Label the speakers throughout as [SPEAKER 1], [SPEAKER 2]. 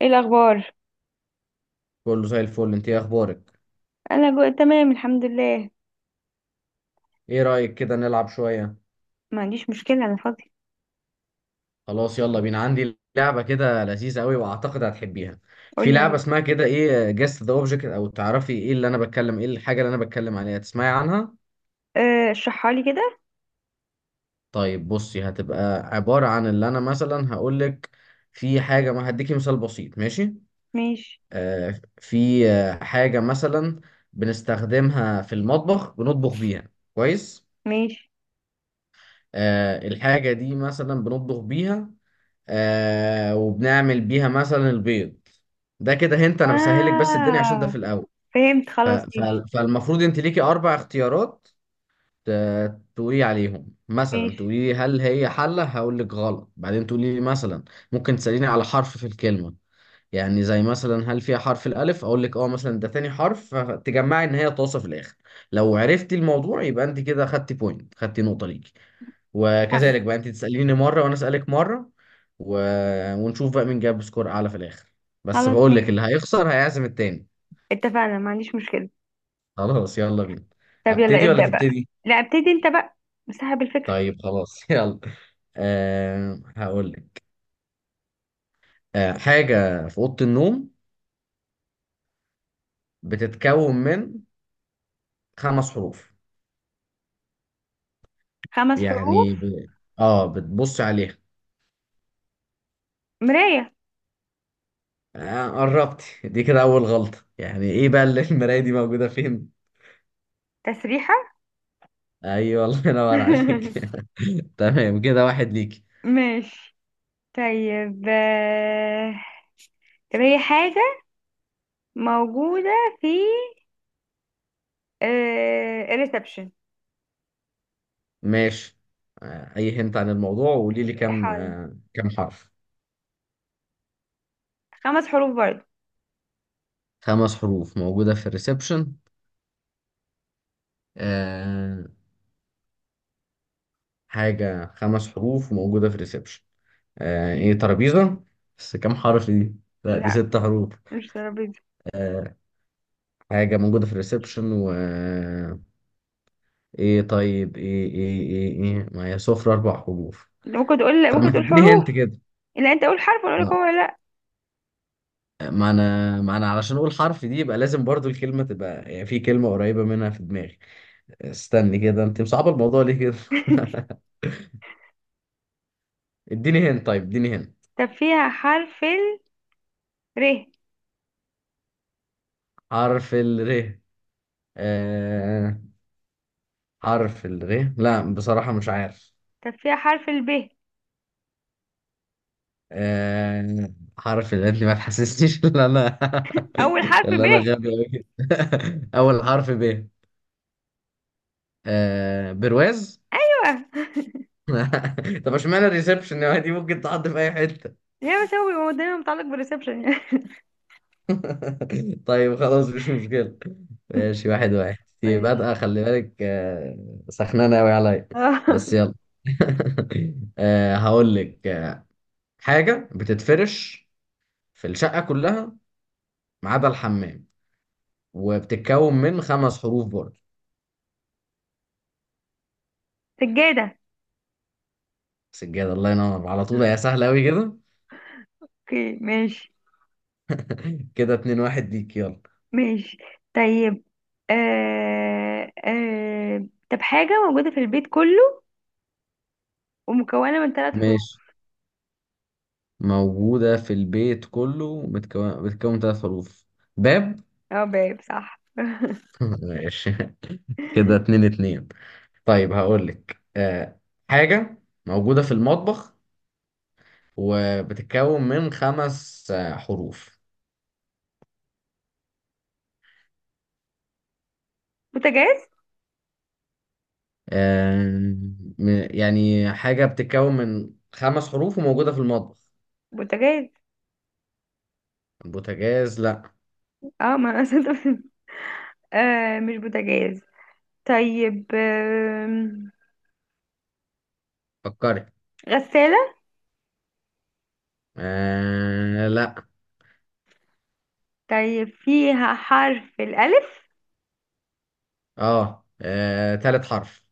[SPEAKER 1] ايه الاخبار؟
[SPEAKER 2] كله زي الفل، انت ايه اخبارك؟
[SPEAKER 1] انا تمام الحمد لله.
[SPEAKER 2] ايه رأيك كده نلعب شوية؟
[SPEAKER 1] ما عنديش مشكله، انا فاضي.
[SPEAKER 2] خلاص، يلا بينا. عندي لعبة كده لذيذة قوي واعتقد هتحبيها. في
[SPEAKER 1] قولي
[SPEAKER 2] لعبة
[SPEAKER 1] عليك.
[SPEAKER 2] اسمها كده ايه جست ذا اوبجكت، او تعرفي ايه اللي انا بتكلم، ايه الحاجة اللي انا بتكلم عليها، تسمعي عنها؟
[SPEAKER 1] اشرحها لي كده.
[SPEAKER 2] طيب بصي، هتبقى عبارة عن اللي انا مثلا هقولك في حاجة. ما هديكي مثال بسيط، ماشي؟
[SPEAKER 1] ماشي.
[SPEAKER 2] في حاجة مثلا بنستخدمها في المطبخ، بنطبخ بيها، كويس؟
[SPEAKER 1] ماشي.
[SPEAKER 2] الحاجة دي مثلا بنطبخ بيها، وبنعمل بيها مثلا البيض. ده كده هنت، انا بسهلك بس الدنيا عشان ده في
[SPEAKER 1] اه
[SPEAKER 2] الاول.
[SPEAKER 1] فهمت،
[SPEAKER 2] ف...
[SPEAKER 1] خلاص
[SPEAKER 2] ف...
[SPEAKER 1] ماشي.
[SPEAKER 2] فالمفروض انت ليكي اربع اختيارات. تقولي عليهم، مثلا
[SPEAKER 1] ماشي.
[SPEAKER 2] تقولي لي هل هي حلة، هقول لك غلط، بعدين تقولي لي مثلا ممكن تسأليني على حرف في الكلمة. يعني زي مثلا هل فيها حرف الالف، اقول لك اه مثلا ده تاني حرف، فتجمعي ان هي طاسة في الاخر. لو عرفتي الموضوع يبقى انت كده خدتي بوينت، خدتي نقطة ليكي.
[SPEAKER 1] فهمت.
[SPEAKER 2] وكذلك بقى انت تسأليني مرة وانا أسألك مرة. و... ونشوف بقى مين جاب سكور اعلى في الاخر. بس
[SPEAKER 1] خلاص
[SPEAKER 2] بقول لك اللي
[SPEAKER 1] ماشي،
[SPEAKER 2] هيخسر هيعزم التاني.
[SPEAKER 1] اتفقنا، ما عنديش مشكله.
[SPEAKER 2] خلاص، يلا بينا.
[SPEAKER 1] طب يلا
[SPEAKER 2] ابتدي ولا
[SPEAKER 1] ابدا بقى.
[SPEAKER 2] تبتدي؟
[SPEAKER 1] لا ابتدي انت بقى، صاحب الفكره.
[SPEAKER 2] طيب خلاص، يلا. هقول لك. حاجة في أوضة النوم، بتتكون من خمس حروف.
[SPEAKER 1] 5 حروف.
[SPEAKER 2] يعني ب... اه بتبصي عليها.
[SPEAKER 1] مرايه.
[SPEAKER 2] قربتي، دي كده أول غلطة، يعني ايه بقى اللي المراية دي موجودة فين؟
[SPEAKER 1] تسريحه.
[SPEAKER 2] ايوه، الله ينور عليك. تمام كده، واحد ليك.
[SPEAKER 1] ماشي. طيب طب هي حاجه موجوده في الريسبشن.
[SPEAKER 2] ماشي. اي هنت عن الموضوع وقولي لي كام، كام حرف؟
[SPEAKER 1] 5 حروف برضه.
[SPEAKER 2] خمس حروف موجودة في الريسبشن. آه، حاجة، خمس حروف موجودة في الريسبشن. ايه، ترابيزة. بس كام حرف دي؟ لا، دي
[SPEAKER 1] لا
[SPEAKER 2] ست حروف.
[SPEAKER 1] مش ترابيزة.
[SPEAKER 2] آه، حاجة موجودة في الريسبشن و ايه، طيب ايه ايه ايه ايه ما هي سفرة، اربع حروف.
[SPEAKER 1] ممكن تقول،
[SPEAKER 2] طب
[SPEAKER 1] ممكن
[SPEAKER 2] ما
[SPEAKER 1] تقول
[SPEAKER 2] تديني
[SPEAKER 1] حروف.
[SPEAKER 2] هنت كده.
[SPEAKER 1] لا انت قول حرف وانا اقول
[SPEAKER 2] آه،
[SPEAKER 1] لك هو ولا لا.
[SPEAKER 2] ما انا علشان اقول حرف دي يبقى لازم برضو الكلمة تبقى، يعني في كلمة قريبة منها في دماغي. استني كده، انت مصعب الموضوع ليه كده؟ اديني هنا، طيب اديني هنا.
[SPEAKER 1] طب فيها حرف ال ر.
[SPEAKER 2] حرف الر. آه... حرف الر، لا بصراحة مش عارف.
[SPEAKER 1] طب فيها حرف ال ب.
[SPEAKER 2] حرف الر، انت ما تحسسنيش ان انا
[SPEAKER 1] اول حرف
[SPEAKER 2] ان
[SPEAKER 1] ب،
[SPEAKER 2] انا
[SPEAKER 1] ايوه.
[SPEAKER 2] غبي أوي كده. اول حرف ب. برواز. طب اشمعنى الريسبشن؟ دي ممكن تحط في اي حتة.
[SPEAKER 1] هي بس هو بيبقى دايما متعلق بالريسبشن يعني.
[SPEAKER 2] طيب خلاص، مش مشكلة. ماشي، واحد واحد. دي
[SPEAKER 1] ماشي.
[SPEAKER 2] بادئة، خلي بالك، سخنانة أوي عليا.
[SPEAKER 1] اه
[SPEAKER 2] بس يلا. هقول لك، حاجة بتتفرش في الشقة كلها ما عدا الحمام، وبتتكون من خمس حروف برضه.
[SPEAKER 1] سجادة.
[SPEAKER 2] سجادة. الله ينور، على طول. يا سهلة أوي كده.
[SPEAKER 1] اوكي ماشي.
[SPEAKER 2] كده اتنين واحد ليك. يلا.
[SPEAKER 1] ماشي. طيب آه طب حاجة موجودة في البيت كله ومكونة من 3 حروف.
[SPEAKER 2] ماشي. موجودة في البيت كله، بتكون ثلاث حروف. باب.
[SPEAKER 1] اه باب صح.
[SPEAKER 2] ماشي. كده اتنين اتنين. طيب هقول لك. حاجة موجودة في المطبخ، وبتتكون من خمس حروف.
[SPEAKER 1] بوتاجاز.
[SPEAKER 2] آه يعني حاجة بتتكون من خمس حروف وموجودة في المطبخ.
[SPEAKER 1] بوتاجاز.
[SPEAKER 2] البوتاجاز، لا.
[SPEAKER 1] اه ما انا أصل، آه مش بوتاجاز. طيب
[SPEAKER 2] فكري.
[SPEAKER 1] غسالة.
[SPEAKER 2] لا.
[SPEAKER 1] طيب فيها حرف الألف.
[SPEAKER 2] تالت حرف.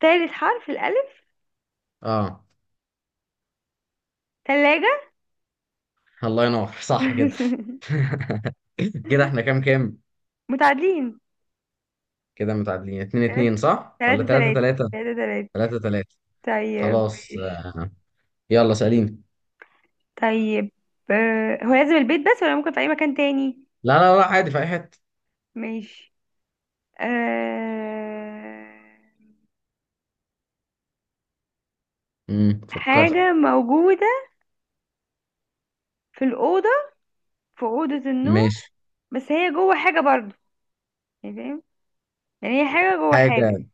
[SPEAKER 1] تالت حرف الألف.
[SPEAKER 2] اه
[SPEAKER 1] تلاجة.
[SPEAKER 2] الله ينور، صح كده. كده احنا كام كام؟
[SPEAKER 1] متعادلين.
[SPEAKER 2] كده متعادلين، اتنين
[SPEAKER 1] تلاتة
[SPEAKER 2] اتنين صح ولا
[SPEAKER 1] تلاتة
[SPEAKER 2] تلاتة
[SPEAKER 1] تلاتة
[SPEAKER 2] تلاتة؟
[SPEAKER 1] تلاتة تلاتة.
[SPEAKER 2] تلاتة تلاتة.
[SPEAKER 1] طيب
[SPEAKER 2] خلاص.
[SPEAKER 1] ماشي.
[SPEAKER 2] يلا سأليني.
[SPEAKER 1] طيب آه، هو لازم البيت بس ولا ممكن في أي مكان تاني؟
[SPEAKER 2] لا لا لا، عادي في اي حتة.
[SPEAKER 1] ماشي. آه
[SPEAKER 2] فكرت.
[SPEAKER 1] حاجة موجودة في الأوضة، في أوضة النوم.
[SPEAKER 2] ماشي.
[SPEAKER 1] بس هي جوه حاجة برضو، يعني فاهم، يعني هي حاجة جوه حاجة.
[SPEAKER 2] حاجة.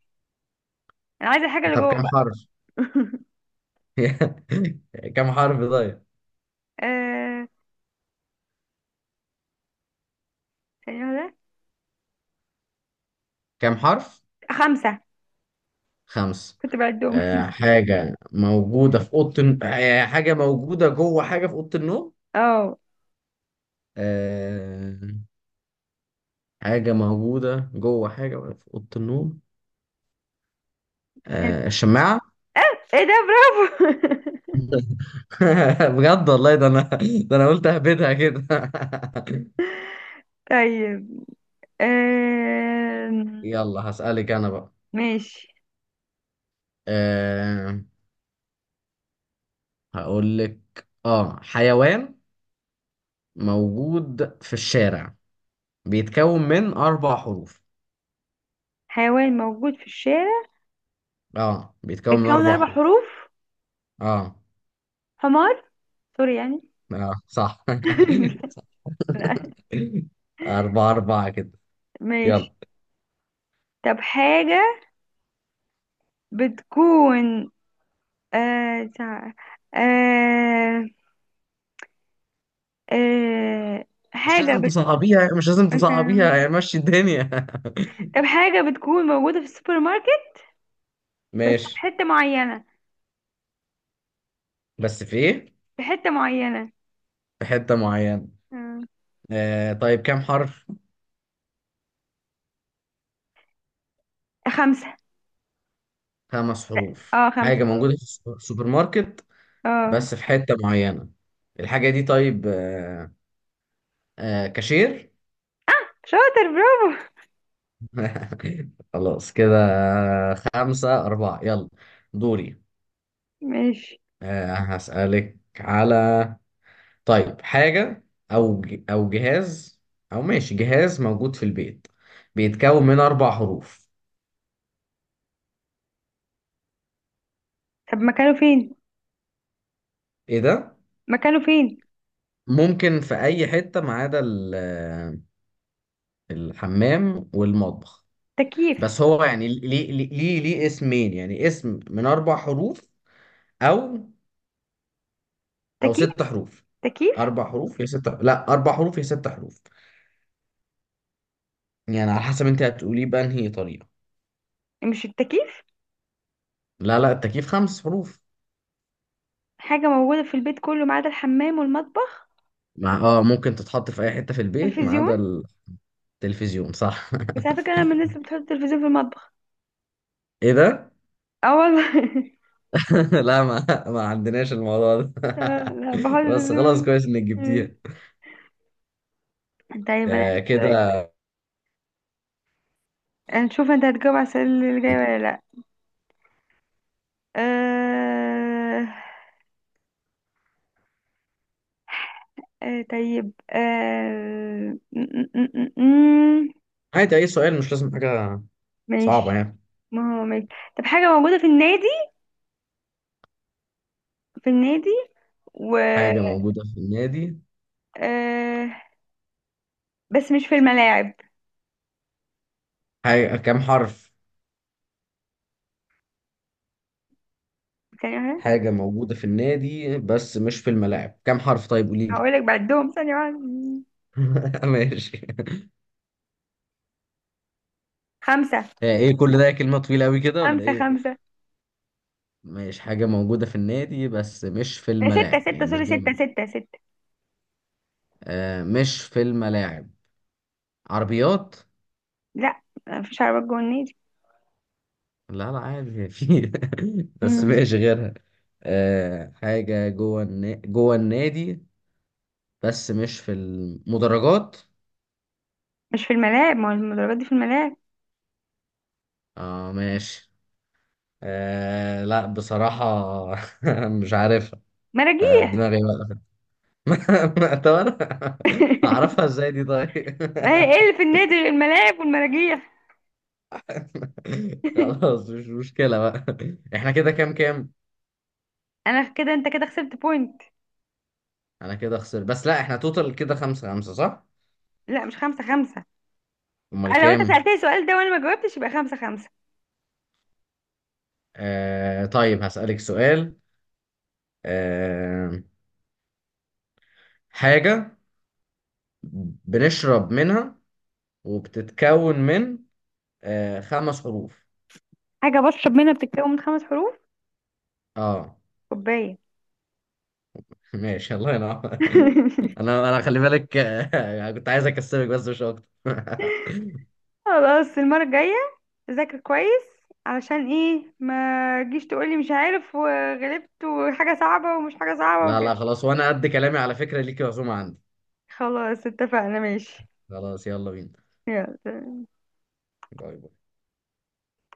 [SPEAKER 1] أنا عايزة الحاجة اللي
[SPEAKER 2] طب
[SPEAKER 1] جوه.
[SPEAKER 2] كم حرف؟ كم حرف طيب؟
[SPEAKER 1] آه ثانية واحدة.
[SPEAKER 2] كم حرف؟
[SPEAKER 1] 5.
[SPEAKER 2] خمس.
[SPEAKER 1] كنت بعدهم.
[SPEAKER 2] حاجة موجودة جوه حاجة في أوضة النوم.
[SPEAKER 1] اه
[SPEAKER 2] آه حاجة موجودة جوه حاجة في أوضة النوم.
[SPEAKER 1] هد-
[SPEAKER 2] الشماعة.
[SPEAKER 1] آه، ايه ده برافو.
[SPEAKER 2] بجد والله، ده أنا، ده أنا قلت أهبدها كده.
[SPEAKER 1] طيب آه.
[SPEAKER 2] يلا هسألك أنا بقى.
[SPEAKER 1] ماشي.
[SPEAKER 2] آه هقول لك، اه حيوان موجود في الشارع، بيتكون من أربع حروف.
[SPEAKER 1] حيوان موجود في الشارع.
[SPEAKER 2] اه بيتكون من
[SPEAKER 1] بيتكون
[SPEAKER 2] أربع
[SPEAKER 1] أربع
[SPEAKER 2] حروف.
[SPEAKER 1] حروف
[SPEAKER 2] اه
[SPEAKER 1] حمار، سوري يعني.
[SPEAKER 2] اه صح. صح. أربعة أربعة كده.
[SPEAKER 1] ماشي.
[SPEAKER 2] يلا.
[SPEAKER 1] طب حاجة بتكون آه تع- آه آه
[SPEAKER 2] مش
[SPEAKER 1] حاجة
[SPEAKER 2] لازم تصعبيها، مش لازم تصعبيها،
[SPEAKER 1] مثلا
[SPEAKER 2] يعني مشي الدنيا.
[SPEAKER 1] طب حاجة بتكون موجودة في السوبر ماركت. بس في
[SPEAKER 2] ماشي.
[SPEAKER 1] حتة معينة.
[SPEAKER 2] بس في ايه؟
[SPEAKER 1] في حتة معينة.
[SPEAKER 2] في حتة معينة.
[SPEAKER 1] مم.
[SPEAKER 2] طيب كام حرف؟
[SPEAKER 1] 5.
[SPEAKER 2] خمس حروف.
[SPEAKER 1] اه
[SPEAKER 2] حاجة
[SPEAKER 1] 5.
[SPEAKER 2] موجودة في السوبر ماركت،
[SPEAKER 1] اه
[SPEAKER 2] بس في حتة معينة. الحاجة دي، طيب. كاشير.
[SPEAKER 1] شاطر برافو.
[SPEAKER 2] خلاص كده. خمسة أربعة. يلا دوري.
[SPEAKER 1] ماشي.
[SPEAKER 2] هسألك على، طيب حاجة أو جهاز، أو ماشي جهاز موجود في البيت، بيتكون من أربع حروف.
[SPEAKER 1] طب مكانه فين؟
[SPEAKER 2] إيه ده؟
[SPEAKER 1] مكانه فين.
[SPEAKER 2] ممكن في أي حتة ما عدا الحمام والمطبخ.
[SPEAKER 1] تكييف.
[SPEAKER 2] بس هو يعني ليه اسمين، يعني اسم من أربع حروف أو
[SPEAKER 1] تكييف.
[SPEAKER 2] ست حروف.
[SPEAKER 1] تكييف.
[SPEAKER 2] أربع حروف يا ست، لا أربع حروف يا ست حروف، يعني على حسب انت هتقوليه بأنهي طريقة.
[SPEAKER 1] مش التكييف.
[SPEAKER 2] لا لا، التكييف خمس حروف.
[SPEAKER 1] حاجة موجودة في البيت كله ما عدا الحمام والمطبخ.
[SPEAKER 2] مع اه ممكن تتحط في اي حتة في البيت ما
[SPEAKER 1] تلفزيون.
[SPEAKER 2] عدا. التلفزيون، صح.
[SPEAKER 1] بس على فكرة أنا من الناس اللي بتحط التلفزيون في المطبخ.
[SPEAKER 2] ايه ده؟
[SPEAKER 1] اه والله.
[SPEAKER 2] لا، ما عندناش الموضوع ده.
[SPEAKER 1] آه، لا بحط
[SPEAKER 2] بس خلاص،
[SPEAKER 1] التلفزيون.
[SPEAKER 2] كويس انك
[SPEAKER 1] مم.
[SPEAKER 2] جبتيها.
[SPEAKER 1] طيب أنا هسألك.
[SPEAKER 2] كده.
[SPEAKER 1] نشوف انت هتجاوب على السؤال اللي جاي ولا لا. آه... طيب آه... م- م- م- م- م.
[SPEAKER 2] عادي، اي سؤال مش لازم حاجة صعبة
[SPEAKER 1] ماشي.
[SPEAKER 2] يعني.
[SPEAKER 1] ما هو ماشي. طب حاجة موجودة في النادي، في النادي و
[SPEAKER 2] حاجة موجودة في النادي.
[SPEAKER 1] آه... بس مش في الملاعب.
[SPEAKER 2] حاجة كام حرف؟
[SPEAKER 1] ثانية واحدة.
[SPEAKER 2] حاجة موجودة في النادي بس مش في الملاعب، كام حرف طيب، قولي لي.
[SPEAKER 1] هقولك بعدهم ثانية واحدة.
[SPEAKER 2] ماشي.
[SPEAKER 1] خمسة
[SPEAKER 2] ايه كل ده، كلمة طويلة قوي كده ولا
[SPEAKER 1] خمسة
[SPEAKER 2] ايه؟
[SPEAKER 1] خمسة
[SPEAKER 2] مش حاجة موجودة في النادي بس مش في
[SPEAKER 1] آه، ستة
[SPEAKER 2] الملاعب؟
[SPEAKER 1] ستة
[SPEAKER 2] يعني مش
[SPEAKER 1] سوري،
[SPEAKER 2] جوه
[SPEAKER 1] ستة
[SPEAKER 2] الملعب.
[SPEAKER 1] ستة ستة
[SPEAKER 2] مش في الملاعب. عربيات.
[SPEAKER 1] لا مفيش عربيات جوه النادي.
[SPEAKER 2] لا لا، عادي في. بس
[SPEAKER 1] مم.
[SPEAKER 2] مش غيرها. حاجة جوه النادي بس مش في المدرجات.
[SPEAKER 1] مش في الملاعب، ما هو المدرجات دي في الملاعب.
[SPEAKER 2] اه ماشي. لا بصراحة، مش عارفها.
[SPEAKER 1] مراجيح.
[SPEAKER 2] دماغي بقى. طب انا هعرفها ازاي دي طيب؟
[SPEAKER 1] ما هي ايه اللي في النادي غير الملاعب والمراجيح؟
[SPEAKER 2] خلاص، مش مشكلة بقى. احنا كده كام كام؟
[SPEAKER 1] انا كده، انت كده خسرت بوينت.
[SPEAKER 2] انا كده خسرت، بس لا احنا توتال كده خمسة خمسة صح؟
[SPEAKER 1] لا مش 5 5.
[SPEAKER 2] امال
[SPEAKER 1] انا لو انت
[SPEAKER 2] كام؟
[SPEAKER 1] سألتني السؤال ده وانا ما جاوبتش يبقى 5 5.
[SPEAKER 2] طيب هسألك سؤال. آه حاجة بنشرب منها، وبتتكون من خمس حروف.
[SPEAKER 1] حاجة بشرب منها بتتكون من 5 حروف.
[SPEAKER 2] اه
[SPEAKER 1] كوباية.
[SPEAKER 2] ماشي، الله ينور. انا خلي بالك، كنت عايز اكسبك بس مش اكتر.
[SPEAKER 1] خلاص المرة الجاية ذاكر كويس. علشان ايه ما تجيش تقولي مش عارف وغلبت وحاجة صعبة ومش حاجة صعبة
[SPEAKER 2] لا
[SPEAKER 1] وكده.
[SPEAKER 2] لا، خلاص. وانا قد كلامي على فكرة، ليكي عزومة عندي.
[SPEAKER 1] خلاص اتفقنا ماشي.
[SPEAKER 2] خلاص، يلا بينا.
[SPEAKER 1] يلا.
[SPEAKER 2] باي.